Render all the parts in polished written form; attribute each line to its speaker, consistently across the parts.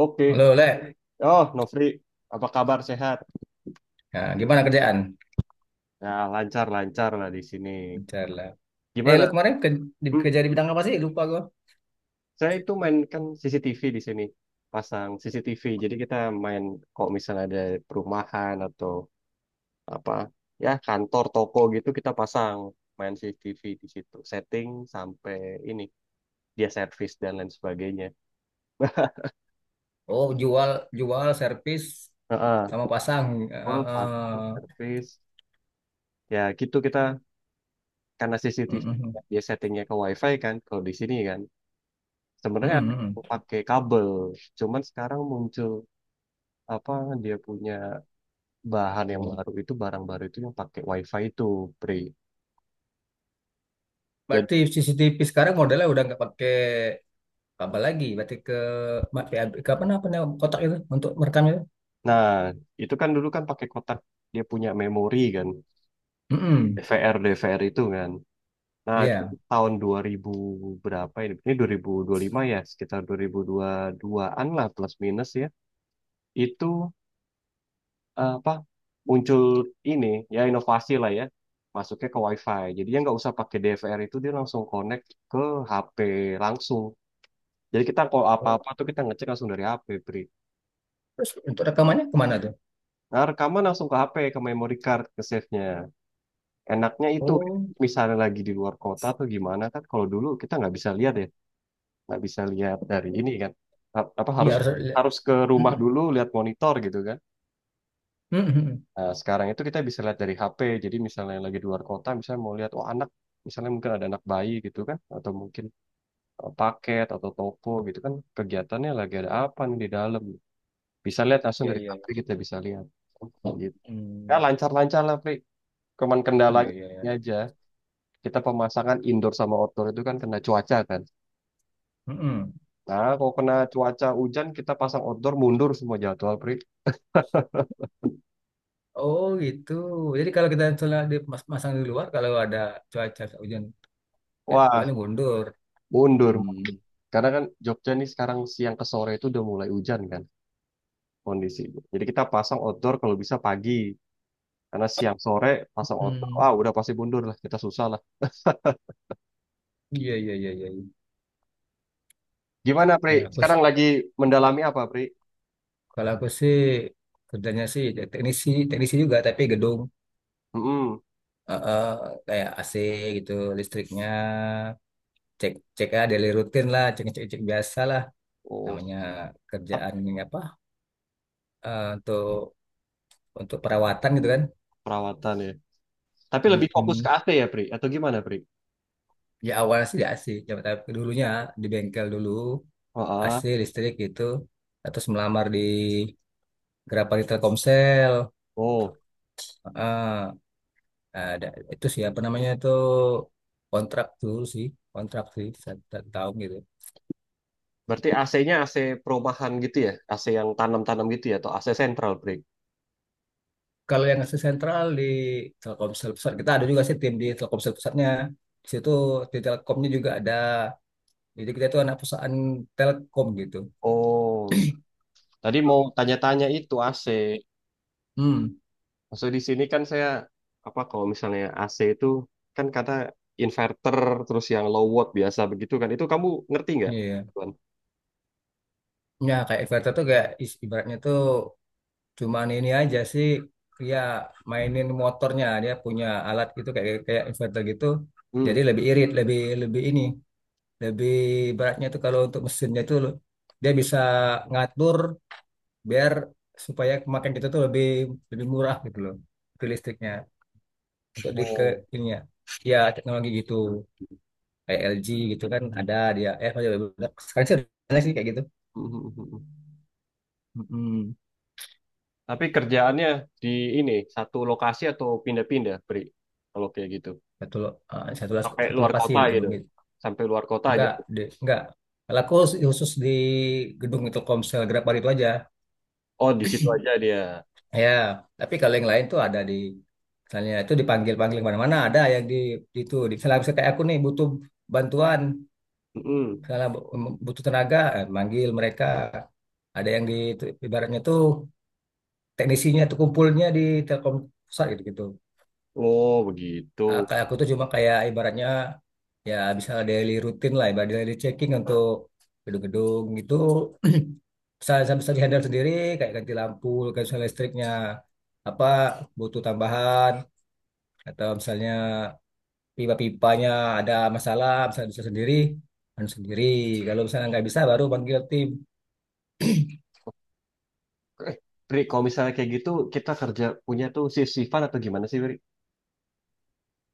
Speaker 1: Oke.
Speaker 2: Halo, Le.
Speaker 1: Oh, Nofri, apa kabar? Sehat?
Speaker 2: Nah, gimana kerjaan?
Speaker 1: Ya, lancar-lancar lah di sini.
Speaker 2: Bentar lah. Eh, lu
Speaker 1: Gimana?
Speaker 2: kemarin ke, di,
Speaker 1: Hmm,
Speaker 2: kerja di bidang apa sih? Lupa gua.
Speaker 1: saya itu mainkan CCTV di sini. Pasang CCTV. Jadi kita main kalau misalnya ada perumahan atau apa, ya kantor, toko gitu kita pasang main CCTV di situ. Setting sampai ini, dia servis dan lain sebagainya.
Speaker 2: Oh, jual, servis,
Speaker 1: Heeh.
Speaker 2: sama pasang. Eh,
Speaker 1: Full pasang
Speaker 2: eh,
Speaker 1: servis. Ya gitu kita karena CCTV
Speaker 2: mm,
Speaker 1: dia settingnya ke WiFi kan, kalau di sini kan.
Speaker 2: mm,
Speaker 1: Sebenarnya
Speaker 2: mm,
Speaker 1: ada yang
Speaker 2: mm.
Speaker 1: pakai kabel, cuman sekarang muncul apa dia punya bahan yang baru itu, barang baru itu yang pakai WiFi itu, Pri. Jadi,
Speaker 2: Berarti CCTV sekarang modelnya udah nggak pakai kabel lagi. Berarti ke PAB, ke apa namanya kotak itu untuk merekam itu?
Speaker 1: nah itu kan dulu kan pakai kotak dia punya memori kan,
Speaker 2: Mm-mm.
Speaker 1: DVR DVR itu kan. Nah itu
Speaker 2: Iya.
Speaker 1: tahun 2000 berapa ini? Ini 2025 ya, sekitar 2022-an lah plus minus ya. Itu apa muncul ini, ya inovasi lah ya, masuknya ke WiFi, jadi ya nggak usah pakai DVR itu, dia langsung connect ke HP langsung. Jadi kita kalau
Speaker 2: Oh,
Speaker 1: apa-apa tuh kita ngecek langsung dari HP, Pri.
Speaker 2: terus untuk rekamannya kemana tuh?
Speaker 1: Nah, rekaman langsung ke HP, ke memory card, ke save-nya. Enaknya itu
Speaker 2: Oh,
Speaker 1: misalnya lagi di luar kota atau gimana, kan kalau dulu kita nggak bisa lihat ya, nggak bisa lihat dari ini kan. Apa
Speaker 2: iya
Speaker 1: harus,
Speaker 2: harus.
Speaker 1: harus ke rumah
Speaker 2: Mm,
Speaker 1: dulu lihat monitor gitu kan.
Speaker 2: mm, mm.
Speaker 1: Nah, sekarang itu kita bisa lihat dari HP. Jadi misalnya lagi di luar kota, misalnya mau lihat, oh anak, misalnya mungkin ada anak bayi gitu kan, atau mungkin paket atau toko gitu kan, kegiatannya lagi ada apa nih di dalam. Bisa lihat langsung
Speaker 2: Iya,
Speaker 1: dari
Speaker 2: iya.
Speaker 1: HP, kita bisa lihat. Gitu. Ya
Speaker 2: Mm,
Speaker 1: lancar-lancar lah, Pri. Cuman
Speaker 2: iya,
Speaker 1: kendalanya
Speaker 2: iya, iya.
Speaker 1: ini aja, kita pemasangan indoor sama outdoor itu kan kena cuaca kan.
Speaker 2: Mm-mm.
Speaker 1: Nah, kalau kena cuaca hujan, kita pasang outdoor mundur semua jadwal, Pri.
Speaker 2: Oh gitu. Jadi kalau kita misalnya dimasang di luar, kalau ada cuaca hujan, eh,
Speaker 1: Wah,
Speaker 2: boleh mundur.
Speaker 1: mundur.
Speaker 2: Hmm.
Speaker 1: Karena kan Jogja nih sekarang siang ke sore itu udah mulai hujan kan. Kondisi. Jadi kita pasang outdoor kalau bisa pagi. Karena siang sore pasang outdoor, ah
Speaker 2: Hmm.
Speaker 1: udah pasti mundur lah, kita susah lah.
Speaker 2: Iya iya iya iya. Iya.
Speaker 1: Gimana Pri?
Speaker 2: Kalau aku s-
Speaker 1: Sekarang lagi mendalami apa Pri?
Speaker 2: Kalau aku sih kerjanya sih ya teknisi teknisi juga tapi gedung.
Speaker 1: Mm-mm.
Speaker 2: Eh, eh, Kayak AC gitu listriknya cek cek ya daily rutin lah cek cek cek biasa lah
Speaker 1: Oh,
Speaker 2: namanya
Speaker 1: siap,
Speaker 2: kerjaan ini apa eh, untuk untuk perawatan gitu kan.
Speaker 1: perawatan ya. Tapi lebih fokus
Speaker 2: Hmm.
Speaker 1: ke AC ya Pri? Atau gimana Pri?
Speaker 2: Ya awalnya sih. Ya, tapi dulunya di bengkel dulu.
Speaker 1: Oh,
Speaker 2: AC
Speaker 1: ah.
Speaker 2: listrik gitu terus melamar di Grapari Telkomsel.
Speaker 1: Oh,
Speaker 2: Ah, ada itu siapa namanya itu kontrak dulu sih kontrak sih satu satu tahun gitu.
Speaker 1: berarti AC-nya AC perumahan gitu ya? AC yang tanam-tanam gitu ya? Atau AC sentral Pri?
Speaker 2: Kalau yang ngasih sentral di Telkomsel pusat kita ada juga sih tim di Telkomsel pusatnya di situ di Telkomnya juga ada jadi kita itu anak perusahaan Telkom gitu.
Speaker 1: Oh, tadi mau tanya-tanya itu AC.
Speaker 2: Hmm.
Speaker 1: Maksud di sini kan saya apa kalau misalnya AC itu kan kata inverter terus yang low watt biasa begitu kan, itu kamu ngerti nggak?
Speaker 2: Iya
Speaker 1: Tuan?
Speaker 2: ya kayak inverter tuh kayak ibaratnya tuh. Cuman ini aja sih ya mainin motornya dia punya alat gitu kayak kayak inverter gitu.
Speaker 1: Hmm.
Speaker 2: Jadi lebih irit, lebih lebih ini, lebih beratnya tuh kalau untuk mesinnya tuh dia bisa ngatur biar supaya kemakan kita tuh lebih lebih murah gitu loh ke listriknya untuk di ke
Speaker 1: Oh,
Speaker 2: ini ya. Ya teknologi gitu kayak LG gitu kan ada dia eh apa sekarang sih ada sih kayak gitu. Mm-mm.
Speaker 1: tapi kerjaannya di ini satu lokasi atau pindah-pindah, Bri? Kalau kayak gitu.
Speaker 2: Satu lo- eh, satu las-
Speaker 1: Sampai
Speaker 2: Satu
Speaker 1: luar
Speaker 2: lokasi
Speaker 1: kota
Speaker 2: di
Speaker 1: gitu.
Speaker 2: gedung.
Speaker 1: Sampai luar kota
Speaker 2: Enggak,
Speaker 1: gitu.
Speaker 2: di, enggak. Kalau aku khusus khusus di gedung Telkomsel Grabbar itu aja.
Speaker 1: Oh, di situ aja dia.
Speaker 2: Ya, tapi kalau yang lain tuh ada di misalnya itu dipanggil-panggil mana-mana ada yang di itu di misalnya kayak aku nih butuh bantuan,
Speaker 1: Mhm.
Speaker 2: misalnya butuh tenaga, eh, manggil mereka. Ada yang di itu, ibaratnya tuh teknisinya tuh kumpulnya di Telkom pusat gitu gitu.
Speaker 1: Oh,
Speaker 2: Ah,
Speaker 1: begitu.
Speaker 2: kayak aku tuh cuma kayak ibaratnya ya bisa daily rutin lah, ibarat daily checking untuk gedung-gedung gitu bisa bisa bisa dihandle sendiri kayak ganti lampu, ganti misalnya listriknya apa butuh tambahan atau misalnya pipa-pipanya ada masalah bisa bisa sendiri dan sendiri kalau misalnya nggak bisa baru panggil tim.
Speaker 1: Eh, Bri, kalau misalnya kayak gitu kita kerja punya tuh shift-shiftan atau gimana sih, Bri?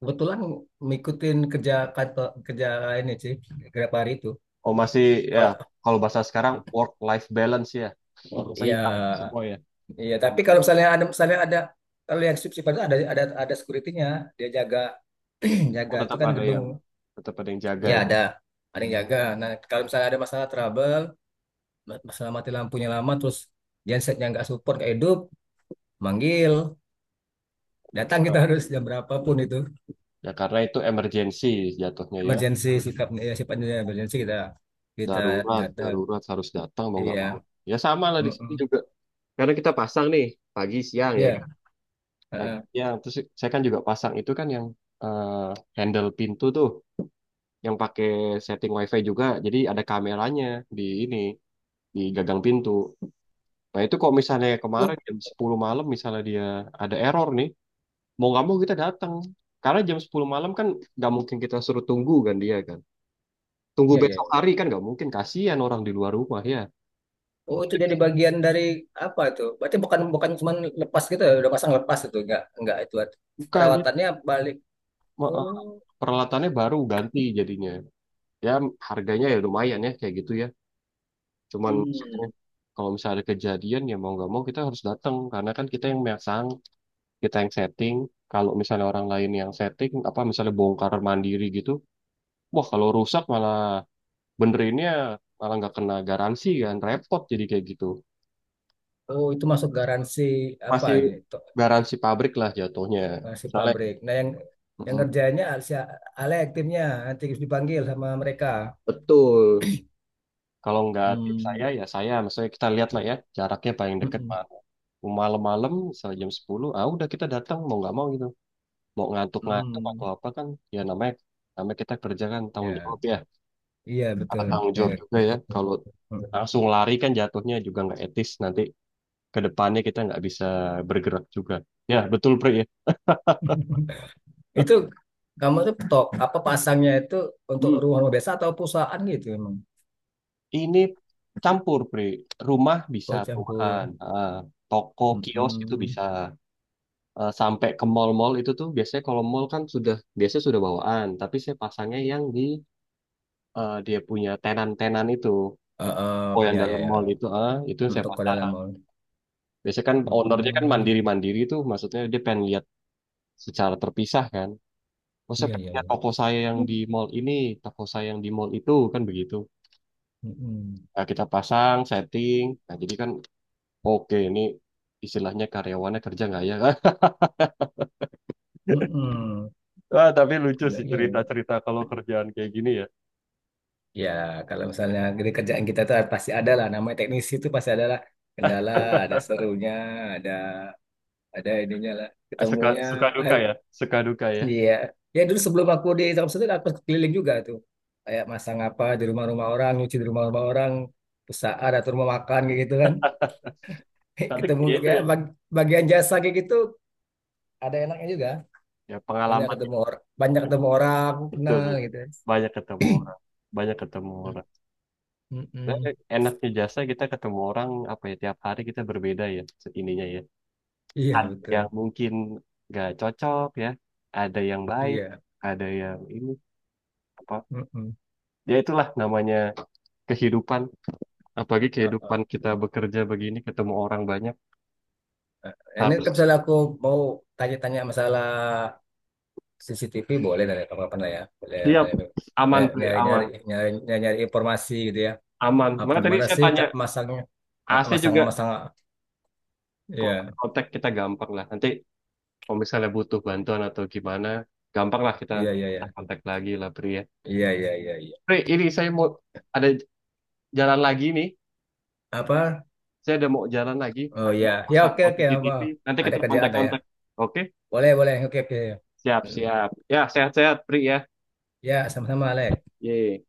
Speaker 2: Kebetulan ngikutin kerja kantor kerja ini sih beberapa hari itu
Speaker 1: Oh masih ya,
Speaker 2: kalau
Speaker 1: kalau bahasa sekarang work life balance ya.
Speaker 2: ya.
Speaker 1: Seimbang semua ya.
Speaker 2: Iya, tapi
Speaker 1: Hmm.
Speaker 2: kalau misalnya ada kalau yang shift itu ada security-nya, dia jaga
Speaker 1: Oh
Speaker 2: jaga itu
Speaker 1: tetap
Speaker 2: kan
Speaker 1: ada
Speaker 2: gedung.
Speaker 1: yang jaga
Speaker 2: Ya
Speaker 1: ya.
Speaker 2: ada yang jaga. Nah, kalau misalnya ada masalah trouble, masalah mati lampunya lama terus gensetnya nggak support nggak hidup, manggil, datang kita
Speaker 1: Ah.
Speaker 2: harus jam berapapun itu.
Speaker 1: Ya karena itu emergency jatuhnya ya.
Speaker 2: Emergency sikapnya ya sifatnya emergency kita kita
Speaker 1: Darurat,
Speaker 2: data.
Speaker 1: darurat harus datang mau nggak mau.
Speaker 2: Iya.
Speaker 1: Ya sama lah di sini
Speaker 2: Mm-mm.
Speaker 1: juga. Karena kita pasang nih pagi siang ya
Speaker 2: Iya.
Speaker 1: kan. Pagi
Speaker 2: Heeh.
Speaker 1: siang terus saya kan juga pasang itu kan yang eh, handle pintu tuh yang pakai setting wifi juga. Jadi ada kameranya di ini di gagang pintu. Nah itu kalau misalnya kemarin
Speaker 2: Oh,
Speaker 1: jam 10 malam misalnya dia ada error nih, mau nggak mau kita datang. Karena jam 10 malam kan nggak mungkin kita suruh tunggu kan dia kan. Tunggu
Speaker 2: iya iya.
Speaker 1: besok hari kan nggak mungkin, kasihan orang di luar rumah ya.
Speaker 2: Oh, itu jadi bagian dari apa tuh? Berarti bukan bukan cuma lepas gitu ya, udah pasang lepas itu enggak itu
Speaker 1: Bukan, dia,
Speaker 2: perawatannya balik.
Speaker 1: ma- eh,
Speaker 2: Oh,
Speaker 1: peralatannya baru ganti jadinya. Ya harganya ya lumayan ya kayak gitu ya. Cuman maksudnya
Speaker 2: hmm.
Speaker 1: kalau misalnya ada kejadian ya mau nggak mau kita harus datang. Karena kan kita yang memasang, kita yang setting. Kalau misalnya orang lain yang setting, apa misalnya bongkar mandiri gitu, wah kalau rusak malah benerinnya malah nggak kena garansi kan, repot jadi kayak gitu.
Speaker 2: Oh, itu masuk garansi apa
Speaker 1: Masih
Speaker 2: nih?
Speaker 1: garansi pabrik lah jatuhnya,
Speaker 2: Garansi
Speaker 1: misalnya
Speaker 2: pabrik. Nah, yang
Speaker 1: mm,
Speaker 2: kerjanya si Ale aktifnya nanti dipanggil sama mereka.
Speaker 1: Betul. Kalau nggak tim saya
Speaker 2: Hmm.
Speaker 1: ya saya, maksudnya kita lihat lah ya jaraknya paling deket
Speaker 2: Mm-mm.
Speaker 1: mana. Mau malam-malam misalnya jam 10 ah udah, kita datang mau nggak mau gitu, mau ngantuk-ngantuk atau
Speaker 2: Hmm.
Speaker 1: apa kan. Ya namanya, kita kerja kan tanggung
Speaker 2: Ya,
Speaker 1: jawab ya.
Speaker 2: iya
Speaker 1: Ada
Speaker 2: betul.
Speaker 1: tanggung jawab
Speaker 2: Ya.
Speaker 1: juga ya, kalau langsung lari kan jatuhnya juga nggak etis. Nanti ke depannya kita nggak bisa bergerak juga. Ya betul Pri ya.
Speaker 2: Itu kamu tuh tok apa pasangnya itu untuk
Speaker 1: Hmm.
Speaker 2: rumah biasa atau perusahaan gitu emang?
Speaker 1: Ini campur, Bre. Rumah bisa,
Speaker 2: Oh,
Speaker 1: perumahan,
Speaker 2: campur.
Speaker 1: ah, toko, kios itu
Speaker 2: Mm-mm.
Speaker 1: bisa. Eh, sampai ke mall-mall itu tuh biasanya, kalau mall kan sudah biasanya sudah bawaan, tapi saya pasangnya yang di dia punya tenan-tenan itu.
Speaker 2: Eh,
Speaker 1: Oh
Speaker 2: eh,
Speaker 1: yang
Speaker 2: ya ya
Speaker 1: dalam mall
Speaker 2: ya.
Speaker 1: itu, ah itu saya
Speaker 2: Untuk Kodalam
Speaker 1: pasang.
Speaker 2: Mall.
Speaker 1: Biasanya kan ownernya kan
Speaker 2: Mm-mm.
Speaker 1: mandiri-mandiri tuh, maksudnya dia pengen lihat secara terpisah kan. Oh saya
Speaker 2: Iya
Speaker 1: pengen
Speaker 2: iya
Speaker 1: lihat
Speaker 2: iya.
Speaker 1: toko saya yang di mall ini, toko saya yang di mall itu kan begitu.
Speaker 2: Mm-mm.
Speaker 1: Nah, kita pasang setting, nah jadi kan, oke, ini istilahnya karyawannya kerja nggak ya?
Speaker 2: Mm-mm.
Speaker 1: Ah, tapi lucu
Speaker 2: Nggak,
Speaker 1: sih
Speaker 2: iya iya.
Speaker 1: cerita-cerita kalau kerjaan kayak gini ya.
Speaker 2: Ya kalau misalnya di kerjaan kita tuh pasti ada lah. Namanya teknisi itu pasti ada lah. Kendala, ada serunya, ada ada ininya lah.
Speaker 1: Suka
Speaker 2: Ketemunya.
Speaker 1: suka
Speaker 2: Ah,
Speaker 1: duka ya, suka duka ya.
Speaker 2: iya. Ya dulu sebelum aku di Thompson itu aku keliling juga tuh. Kayak masang apa di rumah-rumah orang, nyuci di rumah-rumah orang, usaha atau rumah makan kayak gitu kan.
Speaker 1: Tapi
Speaker 2: Ketemu
Speaker 1: itu
Speaker 2: kayak
Speaker 1: ya,
Speaker 2: bagian jasa kayak gitu ada enaknya juga
Speaker 1: ya
Speaker 2: banyak
Speaker 1: pengalaman
Speaker 2: ketemu orang banyak ketemu orang
Speaker 1: betul,
Speaker 2: kenal
Speaker 1: betul.
Speaker 2: gitu.
Speaker 1: Banyak ketemu orang, banyak ketemu
Speaker 2: Mm,
Speaker 1: orang.
Speaker 2: mm,
Speaker 1: Dan
Speaker 2: mm.
Speaker 1: enaknya jasa kita ketemu orang apa ya tiap hari kita berbeda ya ininya ya.
Speaker 2: Iya
Speaker 1: Ada
Speaker 2: betul
Speaker 1: yang mungkin nggak cocok ya, ada yang baik,
Speaker 2: iya.
Speaker 1: ada yang ini apa.
Speaker 2: Mm-mm.
Speaker 1: Ya itulah namanya kehidupan. Apalagi
Speaker 2: Uh-uh.
Speaker 1: kehidupan kita bekerja begini, ketemu orang banyak,
Speaker 2: Ini kalau
Speaker 1: harus
Speaker 2: misalnya aku mau tanya-tanya masalah CCTV boleh dari kapan-kapan lah ya boleh
Speaker 1: siap, aman,
Speaker 2: boleh
Speaker 1: Pri, aman,
Speaker 2: nyari-nyari nyari-nyari nyari informasi gitu ya
Speaker 1: aman.
Speaker 2: apa
Speaker 1: Maka tadi
Speaker 2: gimana
Speaker 1: saya
Speaker 2: sih
Speaker 1: tanya,
Speaker 2: tak masangnya
Speaker 1: AC
Speaker 2: masang
Speaker 1: juga
Speaker 2: masang
Speaker 1: kontak
Speaker 2: Iya
Speaker 1: kontak kita gampang lah. Nanti kalau misalnya butuh bantuan atau gimana, gampang lah kita
Speaker 2: iya iya iya
Speaker 1: kontak lagi lah, Pri ya.
Speaker 2: iya iya iya iya.
Speaker 1: Pri, ini saya mau ada jalan lagi nih.
Speaker 2: Apa.
Speaker 1: Saya ada mau jalan lagi,
Speaker 2: Oh
Speaker 1: ada
Speaker 2: ya
Speaker 1: mau
Speaker 2: ya
Speaker 1: pasang
Speaker 2: oke oke. Apa
Speaker 1: CCTV. Nanti
Speaker 2: ada
Speaker 1: kita
Speaker 2: kerjaan ada ya.
Speaker 1: kontak-kontak. Oke,
Speaker 2: Boleh boleh oke oke. Mm.
Speaker 1: siap-siap. Ya, sehat-sehat, Pri ya.
Speaker 2: Ya sama-sama, Alex.
Speaker 1: Yeay.